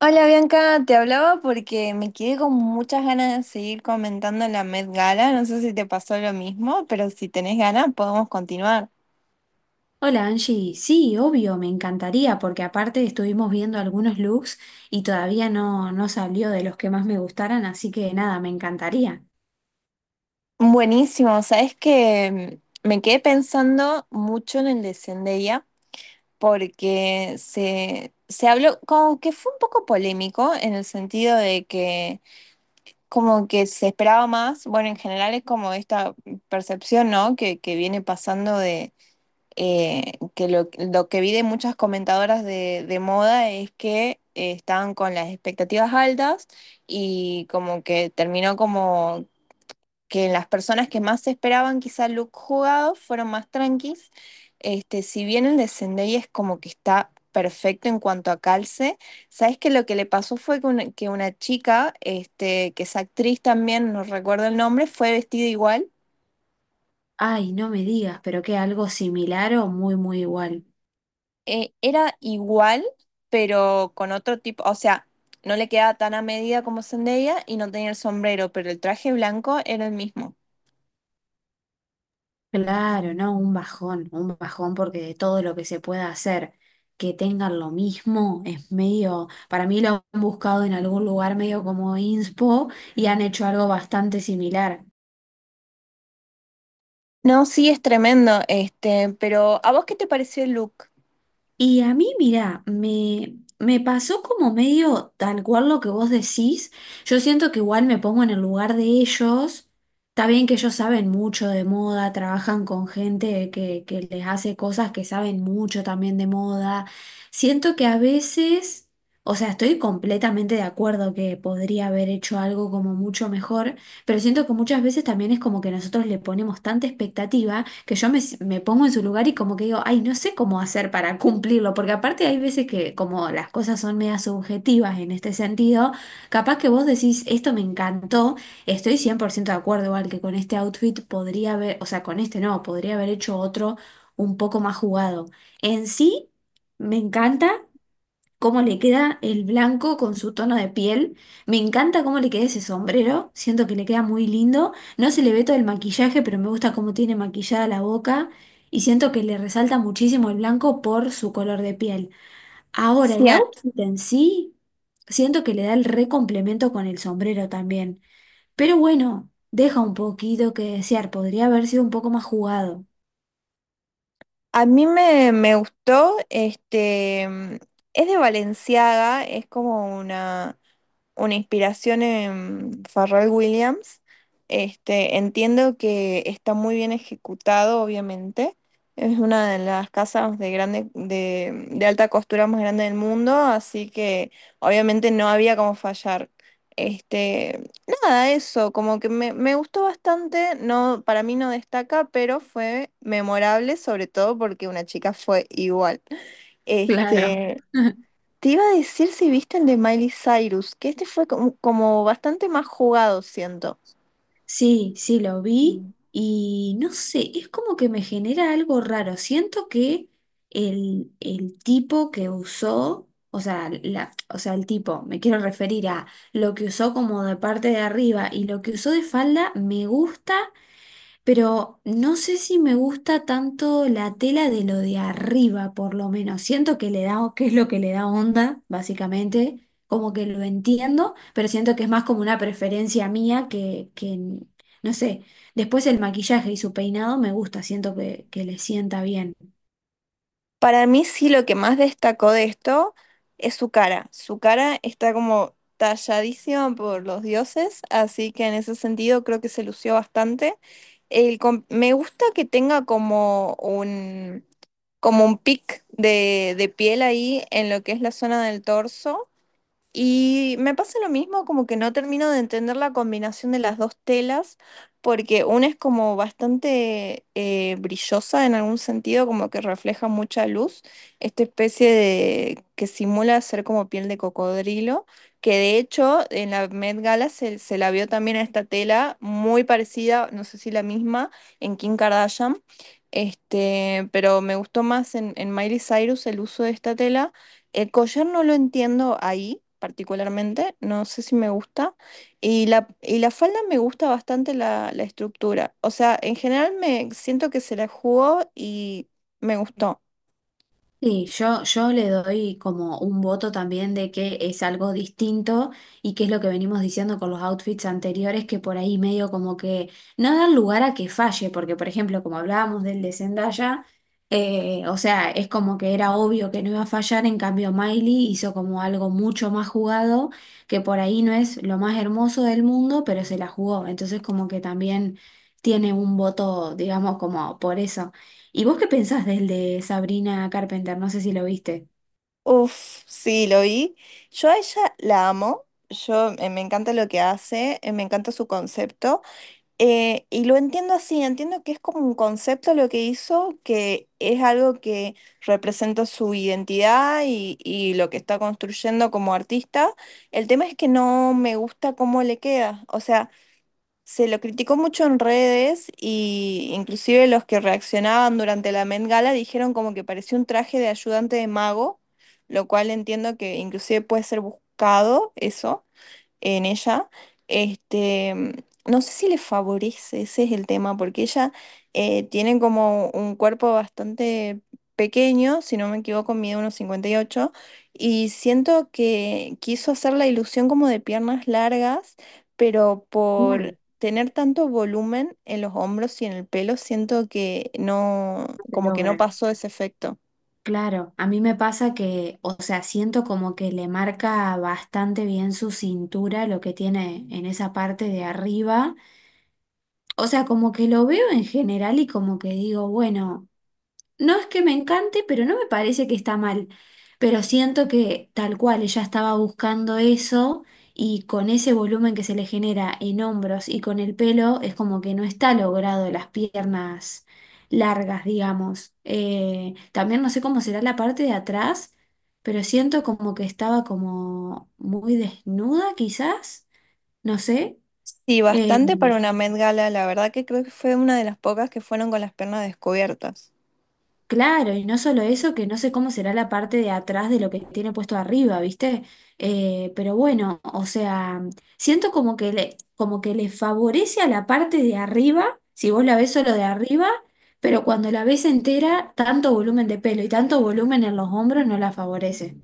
Hola Bianca, te hablaba porque me quedé con muchas ganas de seguir comentando la Met Gala. No sé si te pasó lo mismo, pero si tenés ganas podemos continuar. Hola Angie, sí, obvio, me encantaría porque aparte estuvimos viendo algunos looks y todavía no salió de los que más me gustaran, así que nada, me encantaría. Buenísimo, sabes que me quedé pensando mucho en el de Zendaya porque se habló como que fue un poco polémico en el sentido de que como que se esperaba más. Bueno, en general es como esta percepción, ¿no? Que viene pasando que lo que vi de muchas comentadoras de moda es que estaban con las expectativas altas y como que terminó como que las personas que más esperaban quizá look jugado fueron más tranquis. Este, si bien el de Zendaya es como que está perfecto en cuanto a calce, ¿sabes que lo que le pasó fue que que una chica, este, que es actriz también, no recuerdo el nombre, fue vestida igual Ay, no me digas, pero que algo similar o muy igual. Era igual, pero con otro tipo, o sea, no le quedaba tan a medida como Zendaya y no tenía el sombrero, pero el traje blanco era el mismo. Claro, no, un bajón porque de todo lo que se pueda hacer, que tengan lo mismo, es medio, para mí lo han buscado en algún lugar medio como inspo y han hecho algo bastante similar. No, sí, es tremendo, este, pero ¿a vos qué te pareció el look? Y a mí, mira, me pasó como medio tal cual lo que vos decís. Yo siento que igual me pongo en el lugar de ellos. Está bien que ellos saben mucho de moda, trabajan con gente que les hace cosas que saben mucho también de moda. Siento que a veces, o sea, estoy completamente de acuerdo que podría haber hecho algo como mucho mejor, pero siento que muchas veces también es como que nosotros le ponemos tanta expectativa que yo me pongo en su lugar y como que digo, ay, no sé cómo hacer para cumplirlo, porque aparte hay veces que como las cosas son media subjetivas en este sentido, capaz que vos decís, esto me encantó, estoy 100% de acuerdo igual que con este outfit podría haber, o sea, con este no, podría haber hecho otro un poco más jugado. En sí, me encanta cómo le queda el blanco con su tono de piel. Me encanta cómo le queda ese sombrero, siento que le queda muy lindo. No se le ve todo el maquillaje, pero me gusta cómo tiene maquillada la boca y siento que le resalta muchísimo el blanco por su color de piel. Ahora, Sí, el a, outfit en sí, siento que le da el re complemento con el sombrero también. Pero bueno, deja un poquito que desear, podría haber sido un poco más jugado. a mí me gustó, este, es de Valenciaga, es como una inspiración en Pharrell Williams. Este, entiendo que está muy bien ejecutado, obviamente. Es una de las casas de grande, de alta costura más grande del mundo, así que obviamente no había como fallar. Este, nada, eso, como que me gustó bastante, no, para mí no destaca, pero fue memorable, sobre todo porque una chica fue igual. Claro. Este, te iba a decir si viste el de Miley Cyrus, que este fue como, como bastante más jugado, siento. Sí, sí, lo vi Mm. y no sé, es como que me genera algo raro. Siento que el tipo que usó, o sea, la, o sea, el tipo, me quiero referir a lo que usó como de parte de arriba y lo que usó de falda, me gusta, pero no sé si me gusta tanto la tela de lo de arriba, por lo menos. Siento que le da, que es lo que le da onda, básicamente, como que lo entiendo, pero siento que es más como una preferencia mía no sé. Después el maquillaje y su peinado me gusta, siento que le sienta bien. Para mí sí lo que más destacó de esto es su cara. Su cara está como talladísima por los dioses, así que en ese sentido creo que se lució bastante. El me gusta que tenga como como un pic de piel ahí en lo que es la zona del torso. Y me pasa lo mismo, como que no termino de entender la combinación de las dos telas, porque una es como bastante brillosa en algún sentido, como que refleja mucha luz, esta especie de que simula ser como piel de cocodrilo, que de hecho en la Met Gala se la vio también a esta tela muy parecida, no sé si la misma, en Kim Kardashian. Este, pero me gustó más en Miley Cyrus el uso de esta tela. El collar no lo entiendo ahí particularmente, no sé si me gusta. Y la falda me gusta bastante la estructura. O sea, en general me siento que se la jugó y me gustó. Sí, yo le doy como un voto también de que es algo distinto y que es lo que venimos diciendo con los outfits anteriores, que por ahí medio como que no dan lugar a que falle, porque por ejemplo, como hablábamos del de Zendaya, o sea, es como que era obvio que no iba a fallar, en cambio Miley hizo como algo mucho más jugado, que por ahí no es lo más hermoso del mundo, pero se la jugó, entonces como que también tiene un voto, digamos, como por eso. ¿Y vos qué pensás del de Sabrina Carpenter? No sé si lo viste. Uf, sí, lo vi. Yo a ella la amo, yo me encanta lo que hace, me encanta su concepto. Y lo entiendo así, entiendo que es como un concepto lo que hizo, que es algo que representa su identidad y lo que está construyendo como artista. El tema es que no me gusta cómo le queda. O sea, se lo criticó mucho en redes y inclusive los que reaccionaban durante la Met Gala dijeron como que parecía un traje de ayudante de mago, lo cual entiendo que inclusive puede ser buscado eso en ella, este, no sé si le favorece, ese es el tema, porque ella tiene como un cuerpo bastante pequeño, si no me equivoco, mide unos 58, y 8, y siento que quiso hacer la ilusión como de piernas largas, pero Claro, por tener tanto volumen en los hombros y en el pelo, siento que no, no se como que no logra. pasó ese efecto. Claro, a mí me pasa que, o sea, siento como que le marca bastante bien su cintura, lo que tiene en esa parte de arriba. O sea, como que lo veo en general y como que digo, bueno. No es que me encante, pero no me parece que está mal. Pero siento que tal cual ella estaba buscando eso y con ese volumen que se le genera en hombros y con el pelo es como que no está logrado las piernas largas, digamos. También no sé cómo será la parte de atrás, pero siento como que estaba como muy desnuda quizás, no sé. Sí, Eh, bastante para una Met Gala, la verdad que creo que fue una de las pocas que fueron con las piernas descubiertas. Claro, y no solo eso, que no sé cómo será la parte de atrás de lo que tiene puesto arriba, ¿viste? Pero bueno, o sea, siento como que como que le favorece a la parte de arriba, si vos la ves solo de arriba, pero cuando la ves entera, tanto volumen de pelo y tanto volumen en los hombros no la favorece.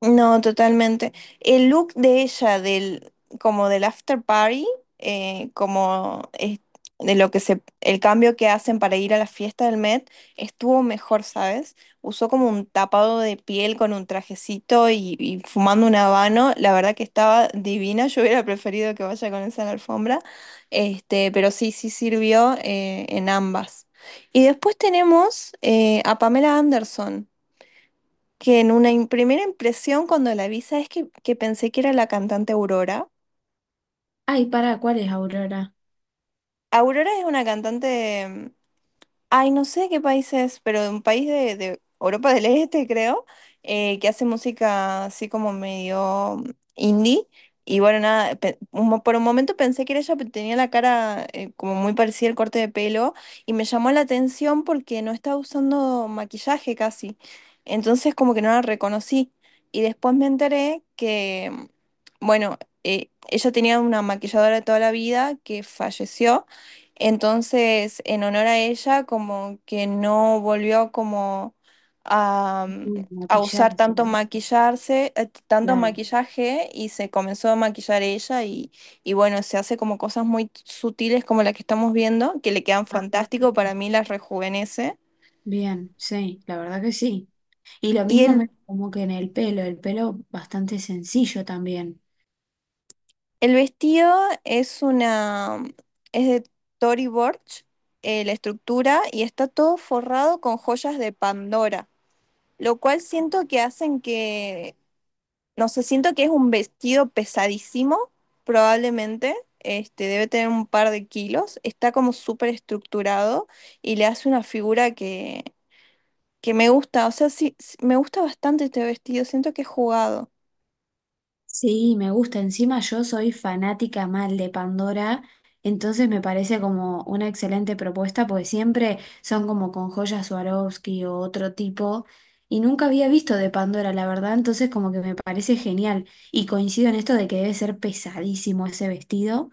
No, totalmente. El look de ella, del, como del after party, eh, como es- de lo que se, el cambio que hacen para ir a la fiesta del Met, estuvo mejor, ¿sabes? Usó como un tapado de piel con un trajecito y fumando un habano. La verdad que estaba divina. Yo hubiera preferido que vaya con esa en la alfombra. Este, pero sí, sí sirvió en ambas. Y después tenemos a Pamela Anderson que en una primera impresión cuando la vi, ¿sabes que pensé que era la cantante Aurora? Ay, para, ¿cuál es Aurora? Aurora es una cantante ay, no sé qué país es, pero un país de Europa del Este, creo, que hace música así como medio indie. Y bueno, nada, por un momento pensé que era ella, pero tenía la cara como muy parecida el corte de pelo. Y me llamó la atención porque no estaba usando maquillaje casi. Entonces como que no la reconocí. Y después me enteré que, bueno, ella tenía una maquilladora de toda la vida que falleció. Entonces, en honor a ella, como que no volvió como a, Mm, a usar maquillarse, tanto maquillarse, tanto claro. maquillaje y se comenzó a maquillar ella y bueno, se hace como cosas muy sutiles como la que estamos viendo, que le quedan Ah, fantástico, para mí las rejuvenece. bien, sí, la verdad que sí. Y lo Y mismo el, como que en el pelo bastante sencillo también. el vestido es una, es de Tory Burch, la estructura, y está todo forrado con joyas de Pandora lo cual siento que hacen que. No sé, siento que es un vestido pesadísimo, probablemente. Este, debe tener un par de kilos. Está como súper estructurado y le hace una figura que me gusta. O sea, sí, sí, me gusta bastante este vestido. Siento que es jugado. Sí, me gusta. Encima yo soy fanática mal de Pandora, entonces me parece como una excelente propuesta, porque siempre son como con joyas Swarovski o otro tipo, y nunca había visto de Pandora, la verdad, entonces como que me parece genial. Y coincido en esto de que debe ser pesadísimo ese vestido.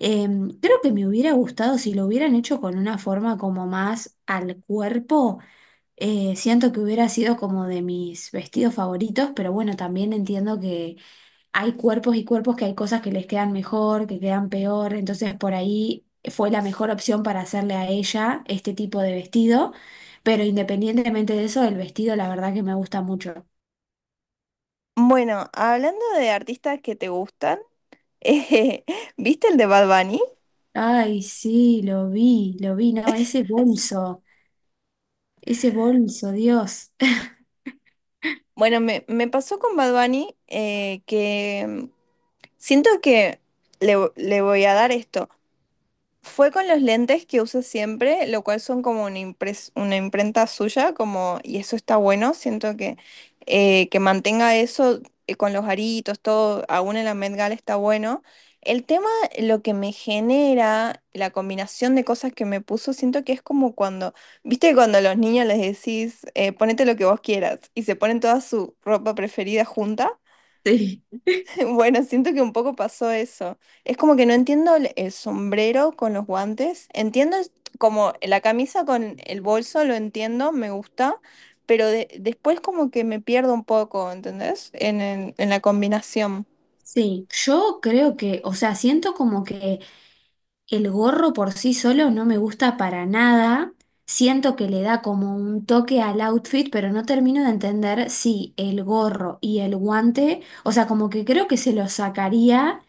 Creo que me hubiera gustado si lo hubieran hecho con una forma como más al cuerpo. Siento que hubiera sido como de mis vestidos favoritos, pero bueno, también entiendo que hay cuerpos y cuerpos que hay cosas que les quedan mejor, que quedan peor, entonces por ahí fue la mejor opción para hacerle a ella este tipo de vestido, pero independientemente de eso, el vestido la verdad que me gusta mucho. Bueno, hablando de artistas que te gustan, eh, ¿viste el de Bad Bunny? Ay, sí, lo vi, no, ese bolso, Dios. Bueno, me pasó con Bad Bunny que siento que le voy a dar esto. Fue con los lentes que uso siempre, lo cual son como una, una imprenta suya, como, y eso está bueno, siento que mantenga eso con los aritos, todo, aún en la Met Gala está bueno. El tema, lo que me genera, la combinación de cosas que me puso, siento que es como cuando, viste, cuando a los niños les decís, ponete lo que vos quieras, y se ponen toda su ropa preferida junta. Sí, Bueno, siento que un poco pasó eso. Es como que no entiendo el sombrero con los guantes. Como la camisa con el bolso, lo entiendo, me gusta, pero después como que me pierdo un poco, ¿entendés? En la combinación. sí, yo creo que, o sea, siento como que el gorro por sí solo no me gusta para nada. Siento que le da como un toque al outfit, pero no termino de entender si el gorro y el guante, o sea, como que creo que se lo sacaría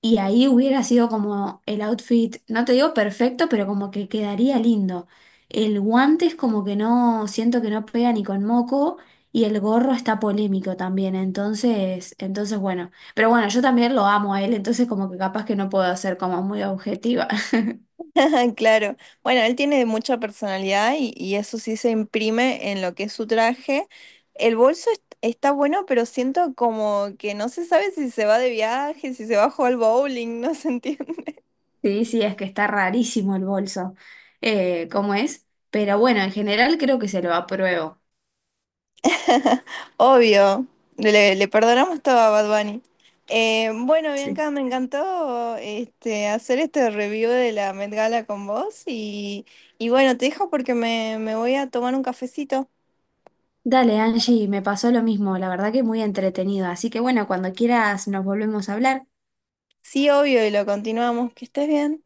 y ahí hubiera sido como el outfit, no te digo perfecto, pero como que quedaría lindo. El guante es como que no, siento que no pega ni con moco y el gorro está polémico también, entonces bueno. Pero bueno, yo también lo amo a él, entonces como que capaz que no puedo ser como muy objetiva. Claro. Bueno, él tiene mucha personalidad y eso sí se imprime en lo que es su traje. Está bueno, pero siento como que no se sabe si se va de viaje, si se va a jugar al bowling, no se entiende. Sí, sí, es que está rarísimo el bolso, como es, pero bueno, en general creo que se lo apruebo. Obvio, le perdonamos todo a Bad Bunny. Bueno, Sí. Bianca, me encantó este, hacer este review de la Met Gala con vos y bueno, te dejo porque me voy a tomar un cafecito. Dale, Angie, me pasó lo mismo, la verdad que muy entretenido, así que bueno, cuando quieras nos volvemos a hablar. Sí, obvio, y lo continuamos. Que estés bien.